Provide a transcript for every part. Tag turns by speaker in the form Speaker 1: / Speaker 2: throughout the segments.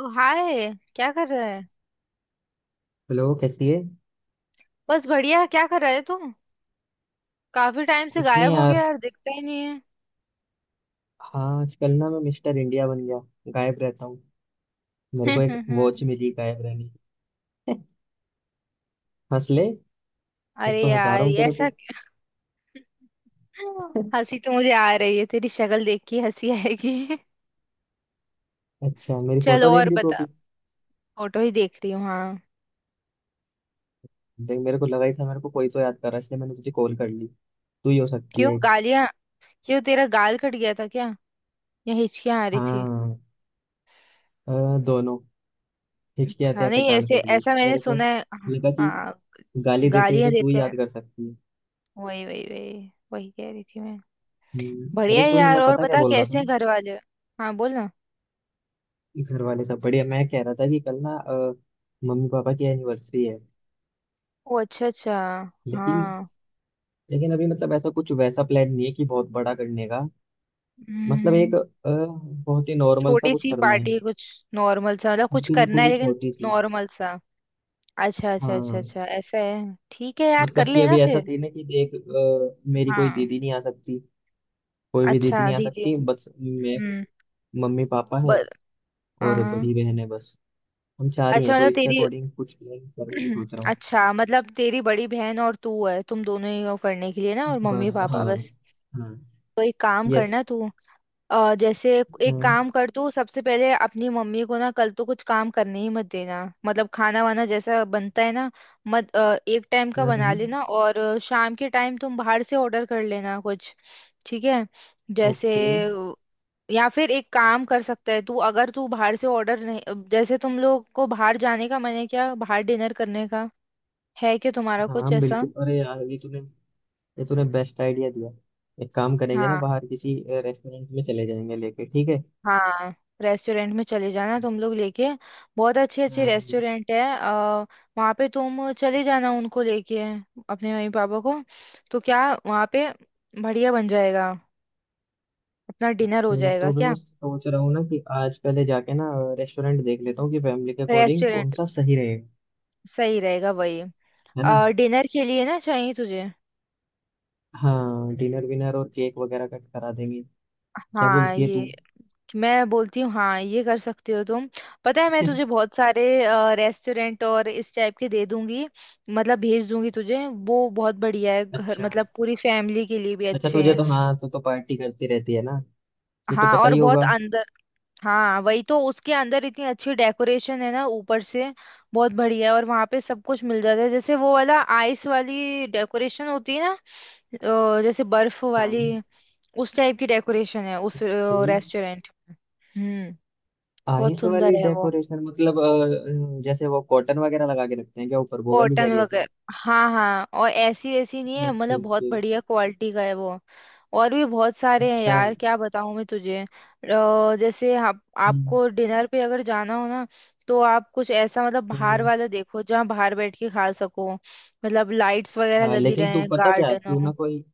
Speaker 1: ओ hi क्या कर रहा है।
Speaker 2: हेलो, कैसी है?
Speaker 1: बस बढ़िया क्या कर रहा है तुम। काफी टाइम से
Speaker 2: कुछ नहीं
Speaker 1: गायब हो गया
Speaker 2: यार।
Speaker 1: यार दिखता ही नहीं है।
Speaker 2: हाँ, आजकल ना मैं मिस्टर इंडिया बन गया। गायब रहता हूँ। मेरे को एक वॉच मिली गायब रहने की। हंस ले। एक
Speaker 1: अरे
Speaker 2: तो हंसा
Speaker 1: यार
Speaker 2: रहा हूँ तेरे को।
Speaker 1: हंसी तो मुझे आ रही है तेरी शक्ल देख के हंसी आएगी।
Speaker 2: अच्छा, मेरी
Speaker 1: चल
Speaker 2: फोटो देख
Speaker 1: और
Speaker 2: रही तू
Speaker 1: बता।
Speaker 2: अभी?
Speaker 1: फोटो ही देख रही हूँ हाँ।
Speaker 2: देख, मेरे को लगा ही था मेरे को कोई तो याद कर रहा है, इसलिए मैंने तुझे कॉल कर ली। तू ही हो सकती
Speaker 1: क्यों
Speaker 2: है एक।
Speaker 1: गालियां। क्यों तेरा गाल कट गया था क्या। या हिचकियां आ रही थी।
Speaker 2: हाँ। अ, दोनों। हिचकी आते
Speaker 1: अच्छा
Speaker 2: आते
Speaker 1: नहीं
Speaker 2: गाल
Speaker 1: ऐसे
Speaker 2: कट गई
Speaker 1: ऐसा मैंने
Speaker 2: मेरे को।
Speaker 1: सुना है।
Speaker 2: लगा कि
Speaker 1: हाँ।
Speaker 2: गाली देते हुए
Speaker 1: गालियां
Speaker 2: तो तू
Speaker 1: देते
Speaker 2: ही
Speaker 1: हैं।
Speaker 2: याद कर सकती है।
Speaker 1: वही वही वही वही कह रही थी मैं।
Speaker 2: अरे
Speaker 1: बढ़िया है
Speaker 2: सुन,
Speaker 1: यार
Speaker 2: मैं
Speaker 1: और
Speaker 2: पता क्या
Speaker 1: बता
Speaker 2: बोल रहा
Speaker 1: कैसे
Speaker 2: था।
Speaker 1: हैं घर वाले। हाँ बोल।
Speaker 2: घर वाले सब बढ़िया। मैं कह रहा था कि कल ना मम्मी पापा की एनिवर्सरी है।
Speaker 1: ओ अच्छा अच्छा।
Speaker 2: लेकिन
Speaker 1: हाँ।
Speaker 2: लेकिन अभी मतलब ऐसा कुछ वैसा प्लान नहीं है कि बहुत बड़ा करने का। मतलब एक
Speaker 1: हम्म।
Speaker 2: बहुत ही नॉर्मल सा
Speaker 1: छोटी
Speaker 2: कुछ
Speaker 1: सी
Speaker 2: करना है।
Speaker 1: पार्टी कुछ। नॉर्मल सा मतलब कुछ करना
Speaker 2: बिल्कुल
Speaker 1: है
Speaker 2: ही
Speaker 1: लेकिन।
Speaker 2: छोटी सी।
Speaker 1: नॉर्मल सा। अच्छा अच्छा अच्छा
Speaker 2: हाँ।
Speaker 1: अच्छा ऐसा है ठीक है यार कर
Speaker 2: मतलब कि
Speaker 1: लेना
Speaker 2: अभी ऐसा
Speaker 1: फिर।
Speaker 2: सीन है कि देख, मेरी कोई
Speaker 1: हाँ।
Speaker 2: दीदी नहीं आ सकती। कोई भी
Speaker 1: अच्छा
Speaker 2: दीदी नहीं आ
Speaker 1: दीदी।
Speaker 2: सकती, बस मैं।
Speaker 1: हम्म।
Speaker 2: मम्मी पापा है।
Speaker 1: बर
Speaker 2: और
Speaker 1: हाँ।
Speaker 2: बड़ी बहन है बस। हम चार ही
Speaker 1: अच्छा
Speaker 2: हैं, तो
Speaker 1: मतलब
Speaker 2: इसके
Speaker 1: तेरी
Speaker 2: अकॉर्डिंग कुछ प्लान करने की सोच रहा हूँ।
Speaker 1: अच्छा मतलब तेरी बड़ी बहन और तू है तुम दोनों ही हो करने के लिए ना और मम्मी
Speaker 2: बस
Speaker 1: पापा
Speaker 2: हाँ।
Speaker 1: बस।
Speaker 2: हाँ।
Speaker 1: तो एक काम
Speaker 2: यस।
Speaker 1: करना तू। जैसे। एक
Speaker 2: हम्म,
Speaker 1: काम कर तू सबसे पहले अपनी मम्मी को ना कल तो कुछ काम करने ही मत देना। मतलब खाना वाना जैसा बनता है ना। मत एक टाइम का बना
Speaker 2: हम्म।
Speaker 1: लेना और शाम के टाइम तुम बाहर से ऑर्डर कर लेना कुछ। ठीक है। जैसे।
Speaker 2: ओके।
Speaker 1: अ, या फिर एक काम कर सकता है तू अगर तू बाहर से ऑर्डर नहीं जैसे तुम लोग को बाहर जाने का मन है क्या बाहर डिनर करने का। है क्या तुम्हारा कुछ
Speaker 2: हाँ
Speaker 1: ऐसा।
Speaker 2: बिल्कुल, अरे यार, ये तूने बेस्ट आइडिया दिया। एक काम करेंगे ना,
Speaker 1: हाँ।
Speaker 2: बाहर किसी रेस्टोरेंट में चले जाएंगे लेके, ठीक है।
Speaker 1: हाँ रेस्टोरेंट में चले जाना तुम लोग लेके। बहुत अच्छे अच्छे
Speaker 2: अम,
Speaker 1: रेस्टोरेंट है वहाँ पे तुम चले जाना उनको लेके। अपने मम्मी पापा को। तो क्या वहाँ पे। बढ़िया बन जाएगा। अपना डिनर हो
Speaker 2: अच्छा,
Speaker 1: जाएगा
Speaker 2: तो भी
Speaker 1: क्या।
Speaker 2: मैं सोच रहा हूँ ना कि आज पहले जाके ना रेस्टोरेंट देख लेता हूँ कि फैमिली के अकॉर्डिंग कौन
Speaker 1: रेस्टोरेंट
Speaker 2: सा सही रहेगा।
Speaker 1: सही रहेगा वही।
Speaker 2: है ना।
Speaker 1: डिनर के लिए ना चाहिए तुझे।
Speaker 2: हाँ, डिनर विनर और केक वगैरह कट करा देंगे। क्या
Speaker 1: हाँ
Speaker 2: बोलती है
Speaker 1: ये।
Speaker 2: तू?
Speaker 1: मैं बोलती हूँ हाँ ये कर सकती हो तुम। पता है मैं तुझे बहुत सारे। रेस्टोरेंट और इस टाइप के दे दूंगी। मतलब भेज दूंगी तुझे वो बहुत बढ़िया है घर
Speaker 2: अच्छा
Speaker 1: मतलब पूरी फैमिली के लिए भी
Speaker 2: अच्छा,
Speaker 1: अच्छे
Speaker 2: तुझे
Speaker 1: हैं।
Speaker 2: तो हाँ, तू तो पार्टी करती रहती है ना। तू तो
Speaker 1: हाँ
Speaker 2: पता
Speaker 1: और
Speaker 2: ही
Speaker 1: बहुत
Speaker 2: होगा।
Speaker 1: अंदर। हाँ वही तो उसके अंदर इतनी अच्छी डेकोरेशन है ना ऊपर से। बहुत बढ़िया है और वहाँ पे सब कुछ मिल जाता है जैसे वो वाला आइस वाली डेकोरेशन होती है ना। जैसे बर्फ
Speaker 2: हाँ।
Speaker 1: वाली। उस टाइप की डेकोरेशन है उस
Speaker 2: हम्म।
Speaker 1: रेस्टोरेंट में। हम्म। बहुत
Speaker 2: आइस वाली
Speaker 1: सुंदर है वो।
Speaker 2: डेकोरेशन मतलब, जैसे वो कॉटन वगैरह लगा के रखते हैं क्या ऊपर, वो वाली कह
Speaker 1: कॉटन
Speaker 2: रही है तू?
Speaker 1: वगैरह। हाँ हाँ और ऐसी वैसी नहीं है
Speaker 2: ओके
Speaker 1: मतलब बहुत
Speaker 2: ओके।
Speaker 1: बढ़िया क्वालिटी का है वो। और भी बहुत सारे हैं
Speaker 2: अच्छा।
Speaker 1: यार क्या बताऊँ मैं तुझे जैसे आप।
Speaker 2: हम्म,
Speaker 1: आपको डिनर पे अगर जाना हो ना। तो आप कुछ ऐसा मतलब बाहर
Speaker 2: हम्म,
Speaker 1: वाला देखो जहाँ बाहर बैठ के खा सको मतलब लाइट्स वगैरह
Speaker 2: हाँ,
Speaker 1: लगी
Speaker 2: लेकिन तू
Speaker 1: रहे
Speaker 2: पता क्या,
Speaker 1: गार्डन
Speaker 2: तू
Speaker 1: हो।
Speaker 2: ना कोई।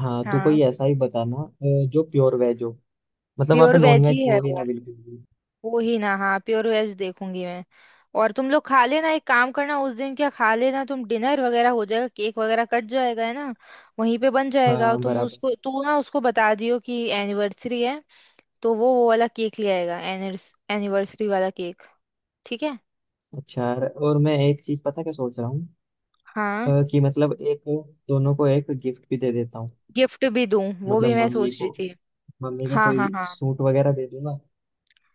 Speaker 2: हाँ, तू कोई
Speaker 1: हाँ
Speaker 2: ऐसा ही बताना जो प्योर वेज हो। मतलब वहाँ पे
Speaker 1: प्योर
Speaker 2: नॉन
Speaker 1: वेज ही
Speaker 2: वेज
Speaker 1: है
Speaker 2: हो ही
Speaker 1: वो।
Speaker 2: ना बिल्कुल भी।
Speaker 1: वो ही ना हाँ प्योर वेज देखूंगी मैं। और तुम लोग खा लेना एक काम करना उस दिन क्या खा लेना तुम डिनर वगैरह हो जाएगा केक वगैरह कट जाएगा है ना। वहीं पे बन जाएगा
Speaker 2: हाँ
Speaker 1: तुम
Speaker 2: बराबर।
Speaker 1: उसको तू ना उसको बता दियो कि एनिवर्सरी है। तो वो वाला केक ले आएगा। एनिवर्सरी वाला केक। ठीक है।
Speaker 2: अच्छा, और मैं एक चीज पता क्या सोच रहा हूँ,
Speaker 1: हाँ
Speaker 2: कि मतलब एक, दोनों को एक गिफ्ट भी दे देता हूँ।
Speaker 1: गिफ्ट भी दूं वो
Speaker 2: मतलब
Speaker 1: भी मैं
Speaker 2: मम्मी
Speaker 1: सोच
Speaker 2: को।
Speaker 1: रही थी।
Speaker 2: मम्मी को
Speaker 1: हाँ हाँ
Speaker 2: कोई
Speaker 1: हाँ।
Speaker 2: सूट वगैरह दे दूंगा।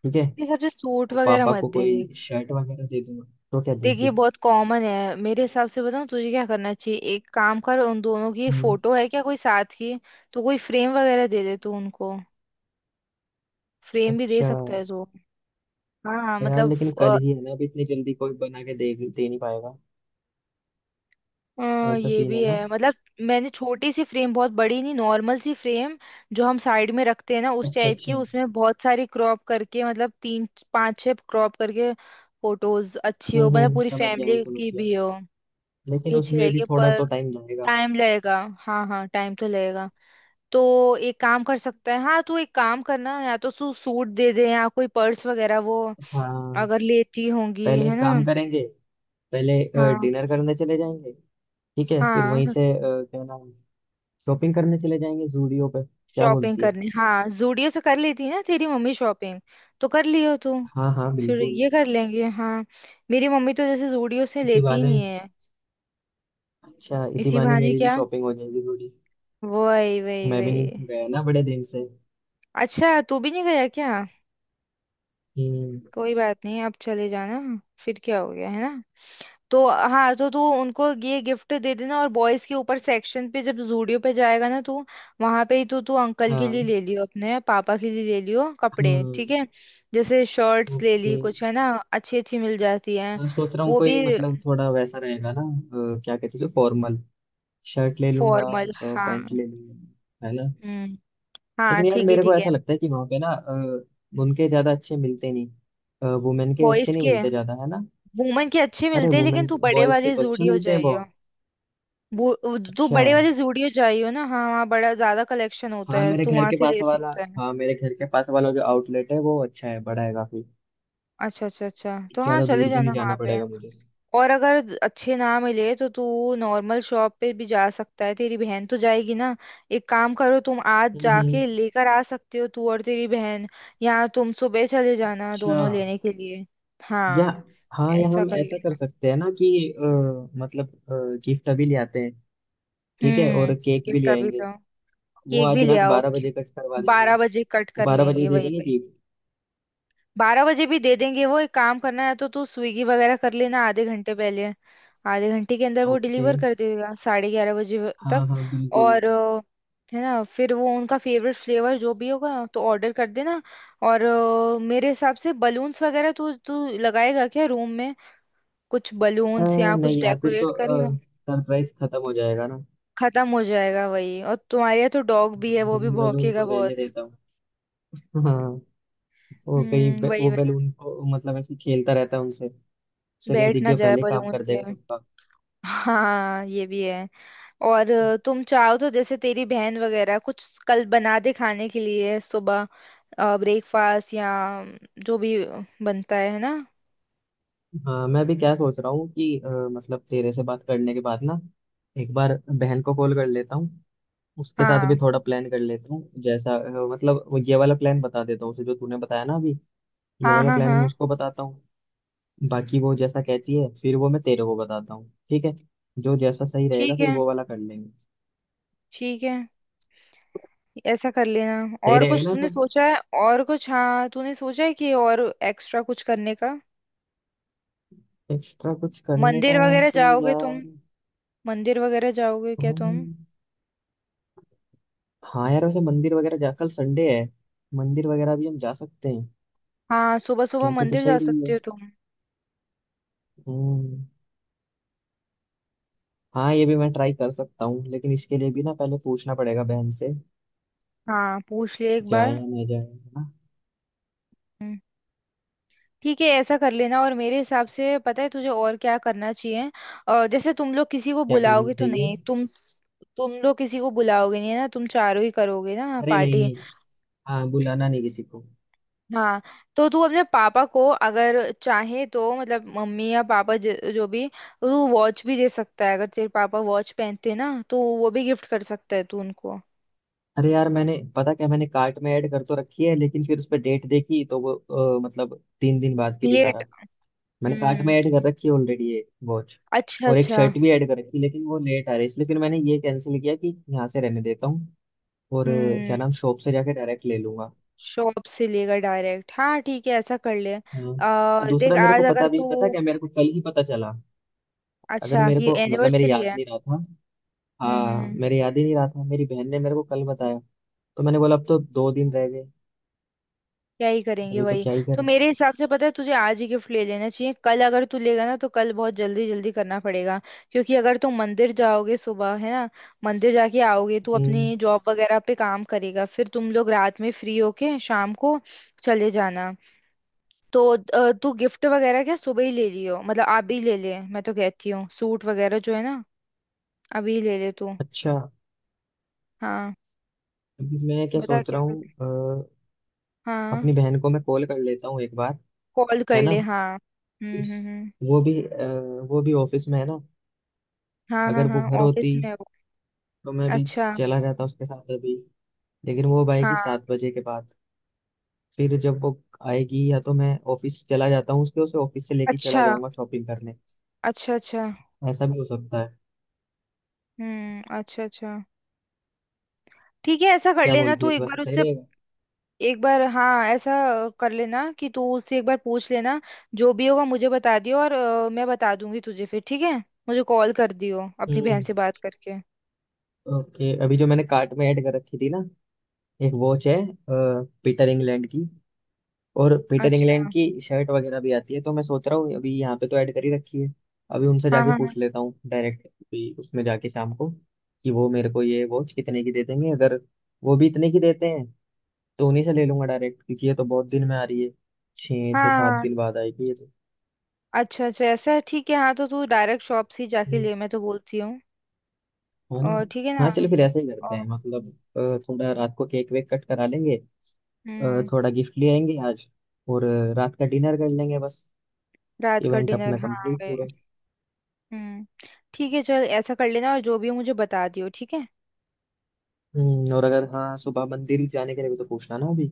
Speaker 2: ठीक है।
Speaker 1: ये सबसे सूट
Speaker 2: और
Speaker 1: वगैरह
Speaker 2: पापा
Speaker 1: मत
Speaker 2: को
Speaker 1: दे।
Speaker 2: कोई शर्ट वगैरह दे दूंगा। तो क्या दूं
Speaker 1: देखिए
Speaker 2: फिर?
Speaker 1: बहुत कॉमन है मेरे हिसाब से बताऊं तुझे क्या करना चाहिए एक काम कर उन दोनों की
Speaker 2: हम्म,
Speaker 1: फोटो है क्या कोई साथ की। तो कोई फ्रेम वगैरह दे दे तू उनको। फ्रेम भी दे
Speaker 2: अच्छा।
Speaker 1: सकता है तू। हाँ हाँ,
Speaker 2: यार,
Speaker 1: मतलब।
Speaker 2: लेकिन कल
Speaker 1: अ,
Speaker 2: ही है ना, अभी इतनी जल्दी कोई बना के दे दे नहीं पाएगा। ऐसा
Speaker 1: ये
Speaker 2: सीन है
Speaker 1: भी
Speaker 2: ना।
Speaker 1: है मतलब। मैंने छोटी सी फ्रेम बहुत बड़ी नहीं नॉर्मल सी फ्रेम। जो हम साइड में रखते हैं ना उस
Speaker 2: अच्छा
Speaker 1: टाइप
Speaker 2: अच्छा।
Speaker 1: की उसमें बहुत सारी क्रॉप करके मतलब तीन। पांच छह क्रॉप करके। फोटोज अच्छी हो
Speaker 2: हम्म,
Speaker 1: मतलब पूरी
Speaker 2: समझ गया, मैं
Speaker 1: फैमिली
Speaker 2: समझ
Speaker 1: की
Speaker 2: गया।
Speaker 1: भी हो। भी
Speaker 2: लेकिन
Speaker 1: अच्छी
Speaker 2: उसमें भी
Speaker 1: लगेगी
Speaker 2: थोड़ा
Speaker 1: पर।
Speaker 2: तो टाइम लगेगा।
Speaker 1: टाइम लगेगा हाँ हाँ टाइम तो लगेगा। तो एक काम कर सकता है हाँ तू एक काम करना या तो तू सूट दे दे या कोई पर्स वगैरह वो।
Speaker 2: हाँ।
Speaker 1: अगर लेती होंगी
Speaker 2: पहले
Speaker 1: है
Speaker 2: एक
Speaker 1: ना।
Speaker 2: काम करेंगे। पहले
Speaker 1: हाँ।
Speaker 2: डिनर करने चले जाएंगे। ठीक है, फिर
Speaker 1: हाँ
Speaker 2: वहीं से क्या नाम, शॉपिंग करने चले जाएंगे जूडियो पे, क्या
Speaker 1: शॉपिंग
Speaker 2: बोलती है?
Speaker 1: करनी हाँ जूडियो से कर लेती है ना तेरी मम्मी शॉपिंग। तो कर लियो तू।
Speaker 2: हाँ हाँ
Speaker 1: फिर
Speaker 2: बिल्कुल।
Speaker 1: ये कर लेंगे हाँ। मेरी मम्मी तो जैसे जूडियो से
Speaker 2: इसी
Speaker 1: लेती ही
Speaker 2: बहाने।
Speaker 1: नहीं है।
Speaker 2: अच्छा, इसी
Speaker 1: इसी
Speaker 2: बहाने
Speaker 1: बहाने
Speaker 2: मेरी भी
Speaker 1: क्या।
Speaker 2: शॉपिंग हो जाएगी थोड़ी।
Speaker 1: वही वही
Speaker 2: मैं भी नहीं
Speaker 1: वही।
Speaker 2: गया ना बड़े दिन से।
Speaker 1: अच्छा तू भी नहीं गया क्या।
Speaker 2: हम्म।
Speaker 1: कोई बात नहीं अब चले जाना। फिर क्या हो गया है ना। तो हाँ तो तू उनको ये गिफ्ट दे देना और बॉयज के ऊपर सेक्शन पे जब जूडियो पे जाएगा ना तू। वहां पे ही तू तू अंकल के लिए
Speaker 2: हाँ
Speaker 1: ले लियो अपने पापा के लिए ले लियो कपड़े
Speaker 2: हाँ।
Speaker 1: ठीक है। जैसे शर्ट्स ले
Speaker 2: ओके।
Speaker 1: ली कुछ है ना। अच्छी अच्छी मिल जाती है।
Speaker 2: मैं सोच रहा हूँ
Speaker 1: वो
Speaker 2: कोई
Speaker 1: भी।
Speaker 2: मतलब थोड़ा वैसा रहेगा ना, क्या कहते हैं, फॉर्मल शर्ट ले लूंगा।
Speaker 1: फॉर्मल हाँ।
Speaker 2: पैंट ले लूंगा है ना।
Speaker 1: हम्म। हाँ
Speaker 2: लेकिन यार
Speaker 1: ठीक है
Speaker 2: मेरे को
Speaker 1: ठीक है।
Speaker 2: ऐसा लगता है कि वहाँ पे ना उनके ज्यादा अच्छे मिलते नहीं। वुमेन के अच्छे
Speaker 1: बॉयज
Speaker 2: नहीं
Speaker 1: के।
Speaker 2: मिलते ज्यादा, है ना।
Speaker 1: वुमन के अच्छे
Speaker 2: अरे
Speaker 1: मिलते हैं लेकिन
Speaker 2: वुमेन।
Speaker 1: तू बड़े
Speaker 2: बॉयज के
Speaker 1: वाले
Speaker 2: तो अच्छे
Speaker 1: जूडियो
Speaker 2: मिलते हैं
Speaker 1: जाइयो।
Speaker 2: बहुत।
Speaker 1: तू
Speaker 2: अच्छा।
Speaker 1: बड़े वाले जूडियो जाइयो ना हाँ वहाँ बड़ा ज्यादा कलेक्शन होता
Speaker 2: हाँ,
Speaker 1: है
Speaker 2: मेरे
Speaker 1: तू
Speaker 2: घर
Speaker 1: वहां
Speaker 2: के
Speaker 1: से
Speaker 2: पास
Speaker 1: ले
Speaker 2: वाला।
Speaker 1: सकता है।
Speaker 2: हाँ, मेरे घर के पास वाला जो आउटलेट है वो अच्छा है, बड़ा है काफी।
Speaker 1: अच्छा अच्छा अच्छा तो हाँ
Speaker 2: ज्यादा
Speaker 1: चले
Speaker 2: दूर भी
Speaker 1: जाना
Speaker 2: नहीं
Speaker 1: वहां
Speaker 2: जाना
Speaker 1: पे।
Speaker 2: पड़ेगा मुझे।
Speaker 1: और अगर अच्छे ना मिले तो तू। नॉर्मल शॉप पे भी जा सकता है तेरी बहन तो जाएगी ना। एक काम करो तुम आज
Speaker 2: हम्म,
Speaker 1: जाके लेकर आ सकते हो तू और तेरी बहन। या तुम सुबह चले जाना
Speaker 2: अच्छा।
Speaker 1: दोनों लेने के लिए।
Speaker 2: या,
Speaker 1: हाँ।
Speaker 2: हाँ, या
Speaker 1: ऐसा
Speaker 2: हम
Speaker 1: कर
Speaker 2: ऐसा कर
Speaker 1: लेना।
Speaker 2: सकते हैं ना कि, मतलब गिफ्ट अभी ले आते हैं। ठीक है,
Speaker 1: हम्म।
Speaker 2: और केक भी
Speaker 1: गिफ्ट
Speaker 2: ले
Speaker 1: अभी
Speaker 2: आएंगे।
Speaker 1: लो।
Speaker 2: वो
Speaker 1: केक भी
Speaker 2: आज
Speaker 1: ले
Speaker 2: रात
Speaker 1: आओ।
Speaker 2: 12 बजे कट करवा देंगे।
Speaker 1: बारह
Speaker 2: वो
Speaker 1: बजे कट कर
Speaker 2: 12 बजे ही
Speaker 1: लेंगे
Speaker 2: दे
Speaker 1: वही
Speaker 2: देंगे
Speaker 1: वही।
Speaker 2: जी।
Speaker 1: बारह बजे भी दे देंगे वो एक काम करना है तो तू स्विगी वगैरह कर लेना आधे घंटे पहले। आधे घंटे के अंदर वो
Speaker 2: ओके।
Speaker 1: डिलीवर कर देगा साढ़े ग्यारह बजे तक।
Speaker 2: हाँ हाँ बिल्कुल।
Speaker 1: और है ना फिर वो उनका फेवरेट फ्लेवर जो भी होगा तो ऑर्डर कर देना। और मेरे हिसाब से बलून्स वगैरह तू तू लगाएगा क्या रूम में। कुछ
Speaker 2: अ,
Speaker 1: बलून्स या कुछ
Speaker 2: नहीं यार, फिर
Speaker 1: डेकोरेट
Speaker 2: तो
Speaker 1: करेगा।
Speaker 2: सरप्राइज खत्म हो जाएगा ना।
Speaker 1: खत्म हो जाएगा वही और तुम्हारे यहाँ तो डॉग भी है वो भी
Speaker 2: बैलून बैलून
Speaker 1: भौंकेगा
Speaker 2: तो रहने
Speaker 1: बहुत।
Speaker 2: देता हूँ। हाँ। वो कहीं बे-
Speaker 1: वही
Speaker 2: वो
Speaker 1: वही।
Speaker 2: बैलून को मतलब ऐसे खेलता रहता है उनसे। उससे कहीं
Speaker 1: बैठ
Speaker 2: दिख
Speaker 1: ना
Speaker 2: गया,
Speaker 1: जाए
Speaker 2: पहले काम
Speaker 1: बलून
Speaker 2: कर
Speaker 1: पे।
Speaker 2: देगा सबका।
Speaker 1: हाँ ये भी है। और तुम चाहो तो जैसे तेरी बहन वगैरह कुछ कल बना दे खाने के लिए सुबह। ब्रेकफास्ट या। जो भी। बनता है ना।
Speaker 2: हाँ, मैं भी क्या सोच रहा हूँ कि मतलब तेरे से बात करने के बाद ना, एक बार बहन को कॉल कर लेता हूँ। उसके साथ भी
Speaker 1: हाँ
Speaker 2: थोड़ा प्लान कर लेता हूँ जैसा, मतलब वो ये वाला प्लान बता देता हूँ उसे जो तूने बताया ना अभी। ये
Speaker 1: हाँ
Speaker 2: वाला
Speaker 1: हाँ।
Speaker 2: प्लान मैं
Speaker 1: हाँ
Speaker 2: उसको बताता हूँ। बाकी वो जैसा कहती है फिर वो मैं तेरे को बताता हूँ, ठीक है। जो जैसा सही रहेगा
Speaker 1: ठीक
Speaker 2: फिर
Speaker 1: है
Speaker 2: वो वाला कर लेंगे।
Speaker 1: ठीक है ऐसा कर लेना
Speaker 2: सही
Speaker 1: और
Speaker 2: रहेगा
Speaker 1: कुछ
Speaker 2: ना
Speaker 1: तूने
Speaker 2: सब।
Speaker 1: सोचा है और कुछ हाँ तूने सोचा है कि और एक्स्ट्रा कुछ करने का।
Speaker 2: एक्स्ट्रा कुछ करने का।
Speaker 1: मंदिर वगैरह
Speaker 2: तो
Speaker 1: जाओगे तुम।
Speaker 2: यार
Speaker 1: मंदिर वगैरह जाओगे क्या तुम।
Speaker 2: हम- हाँ यार, वैसे मंदिर वगैरह जा, कल संडे है। मंदिर वगैरह भी हम जा सकते हैं।
Speaker 1: हाँ सुबह सुबह
Speaker 2: कहते तो
Speaker 1: मंदिर
Speaker 2: सही
Speaker 1: जा
Speaker 2: रही
Speaker 1: सकते
Speaker 2: है।
Speaker 1: हो तुम।
Speaker 2: हम्म। हाँ, ये भी मैं ट्राई कर सकता हूँ, लेकिन इसके लिए भी ना पहले पूछना पड़ेगा बहन से।
Speaker 1: हाँ पूछ ले एक
Speaker 2: जाए
Speaker 1: बार।
Speaker 2: या नहीं जाए, है ना।
Speaker 1: हम्म। ठीक है ऐसा कर लेना और मेरे हिसाब से पता है तुझे और क्या करना चाहिए। जैसे तुम लोग किसी को
Speaker 2: क्या करना
Speaker 1: बुलाओगे तो
Speaker 2: चाहिए?
Speaker 1: नहीं तुम। तुम लोग किसी को बुलाओगे नहीं है ना तुम चारों ही करोगे ना
Speaker 2: अरे नहीं
Speaker 1: पार्टी।
Speaker 2: नहीं। हाँ, बुलाना नहीं किसी को।
Speaker 1: हाँ तो तू अपने पापा को अगर। चाहे तो मतलब मम्मी या पापा जो भी तो तू वॉच भी दे सकता है अगर तेरे पापा वॉच पहनते हैं ना तो वो भी गिफ्ट कर सकता है तू उनको।
Speaker 2: अरे यार, मैंने पता क्या, मैंने कार्ट में ऐड कर तो रखी है लेकिन फिर उस पर डेट देखी तो वो मतलब 3 दिन बाद की दिखा
Speaker 1: प्लेट।
Speaker 2: रहा। मैंने कार्ट
Speaker 1: हम्म।
Speaker 2: में ऐड कर रखी है ऑलरेडी ये वॉच।
Speaker 1: अच्छा
Speaker 2: और एक
Speaker 1: अच्छा।
Speaker 2: शर्ट भी ऐड कर रखी, लेकिन वो लेट आ रही है इसलिए फिर मैंने ये कैंसिल किया कि यहाँ से रहने देता हूँ। और क्या
Speaker 1: हम्म।
Speaker 2: नाम, शॉप से जाके डायरेक्ट ले लूंगा।
Speaker 1: शॉप से लेकर डायरेक्ट हाँ ठीक है ऐसा कर ले।
Speaker 2: हाँ।
Speaker 1: देख
Speaker 2: दूसरा मेरे
Speaker 1: आज
Speaker 2: को
Speaker 1: अगर
Speaker 2: पता
Speaker 1: तू।
Speaker 2: क्या मेरे को कल ही पता चला। अगर
Speaker 1: अच्छा
Speaker 2: मेरे
Speaker 1: ये
Speaker 2: को, मतलब मेरे
Speaker 1: एनिवर्सरी
Speaker 2: याद
Speaker 1: है।
Speaker 2: नहीं रहा था।
Speaker 1: हम्म हम्म
Speaker 2: हाँ,
Speaker 1: हम्म।
Speaker 2: मेरे याद ही नहीं रहा था, मेरी बहन ने मेरे को कल बताया। तो मैंने बोला अब तो 2 दिन रह गए।
Speaker 1: क्या ही करेंगे
Speaker 2: अभी तो
Speaker 1: वही।
Speaker 2: क्या ही
Speaker 1: तो
Speaker 2: करें।
Speaker 1: मेरे हिसाब से पता है तुझे आज ही गिफ्ट ले लेना चाहिए कल अगर तू लेगा ना तो कल बहुत जल्दी जल्दी करना पड़ेगा। क्योंकि अगर तू मंदिर जाओगे सुबह है ना। मंदिर जाके आओगे तू
Speaker 2: हम्म।
Speaker 1: अपनी जॉब वगैरह पे काम करेगा फिर तुम लोग रात में फ्री होके शाम को। चले जाना। तो तू गिफ्ट वगैरह क्या सुबह ही ले लियो मतलब आप भी ले ले मैं तो कहती हूँ सूट वगैरह जो है ना। अभी ले ले तू।
Speaker 2: अच्छा।
Speaker 1: हाँ।
Speaker 2: अभी मैं क्या
Speaker 1: बता
Speaker 2: सोच
Speaker 1: क्या
Speaker 2: रहा
Speaker 1: कर।
Speaker 2: हूँ,
Speaker 1: हाँ।
Speaker 2: अपनी बहन को मैं कॉल कर लेता हूँ एक बार।
Speaker 1: कॉल कर
Speaker 2: है ना।
Speaker 1: ले हाँ। हम्म।
Speaker 2: वो भी, वो भी ऑफिस में है ना।
Speaker 1: हाँ हाँ
Speaker 2: अगर वो
Speaker 1: हाँ
Speaker 2: घर होती
Speaker 1: ऑफिस में है वो।
Speaker 2: तो मैं भी
Speaker 1: अच्छा।
Speaker 2: चला जाता उसके साथ अभी। लेकिन वो अब आएगी
Speaker 1: हाँ।
Speaker 2: 7 बजे के बाद। फिर जब वो आएगी, या तो मैं ऑफिस चला जाता हूँ उसके, उसे ऑफिस से लेके चला
Speaker 1: अच्छा
Speaker 2: जाऊंगा शॉपिंग करने।
Speaker 1: अच्छा अच्छा।
Speaker 2: ऐसा भी हो सकता है।
Speaker 1: अच्छा अच्छा। ठीक है ऐसा कर
Speaker 2: क्या
Speaker 1: लेना
Speaker 2: बोलती
Speaker 1: तू
Speaker 2: है, तो
Speaker 1: एक
Speaker 2: ऐसा
Speaker 1: बार
Speaker 2: सही
Speaker 1: उससे।
Speaker 2: रहेगा?
Speaker 1: एक बार हाँ ऐसा। कर लेना कि तू उससे एक बार पूछ लेना। जो भी होगा मुझे बता दियो और मैं बता दूंगी तुझे फिर ठीक है। मुझे कॉल कर दियो अपनी बहन
Speaker 2: हम्म।
Speaker 1: से बात करके।
Speaker 2: ओके, अभी जो मैंने कार्ट में ऐड कर रखी थी ना, एक वॉच है, पीटर इंग्लैंड की। और पीटर इंग्लैंड
Speaker 1: अच्छा।
Speaker 2: की शर्ट वगैरह भी आती है, तो मैं सोच रहा हूँ अभी यहाँ पे तो ऐड कर ही रखी है। अभी उनसे
Speaker 1: हाँ
Speaker 2: जाके
Speaker 1: हाँ हाँ।
Speaker 2: पूछ लेता हूँ डायरेक्ट, अभी उसमें जाके शाम को, कि वो मेरे को ये वॉच कितने की दे देंगे, अगर वो भी इतने की देते हैं तो उन्हीं से ले लूंगा डायरेक्ट, क्योंकि ये तो बहुत दिन में आ रही है। छः से
Speaker 1: हाँ
Speaker 2: सात
Speaker 1: हाँ।
Speaker 2: दिन बाद आएगी ये तो।
Speaker 1: अच्छा अच्छा ऐसा है ठीक है हाँ तो तू डायरेक्ट शॉप से ही जाके
Speaker 2: हम्म,
Speaker 1: ले मैं तो बोलती हूँ।
Speaker 2: है ना।
Speaker 1: और ठीक है ना।
Speaker 2: हाँ चलो फिर ऐसे ही करते
Speaker 1: और।
Speaker 2: हैं मतलब, थोड़ा रात को केक वेक कट करा लेंगे, अ,
Speaker 1: हम्म।
Speaker 2: थोड़ा गिफ्ट ले आएंगे आज, और रात का डिनर कर लेंगे बस।
Speaker 1: रात का
Speaker 2: इवेंट
Speaker 1: डिनर
Speaker 2: अपना
Speaker 1: हाँ
Speaker 2: कंप्लीट
Speaker 1: वे।
Speaker 2: पूरा।
Speaker 1: हम्म। ठीक है चल ऐसा कर लेना और जो भी हो मुझे बता दियो ठीक है।
Speaker 2: और अगर हाँ, सुबह मंदिर जाने के लिए भी तो पूछना ना अभी।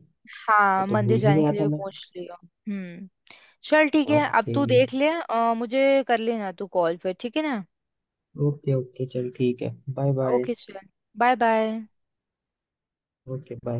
Speaker 2: वो
Speaker 1: हाँ
Speaker 2: तो
Speaker 1: मंदिर
Speaker 2: भूल ही
Speaker 1: जाने
Speaker 2: गया
Speaker 1: के
Speaker 2: था
Speaker 1: लिए
Speaker 2: मैं।
Speaker 1: पूछ लियो हम्म। चल ठीक है अब
Speaker 2: ओके
Speaker 1: तू देख ले मुझे कर लेना तू कॉल पे ठीक है ना।
Speaker 2: ओके। ओके चल, ठीक है, बाय बाय।
Speaker 1: ओके चल बाय बाय।
Speaker 2: Okay bye.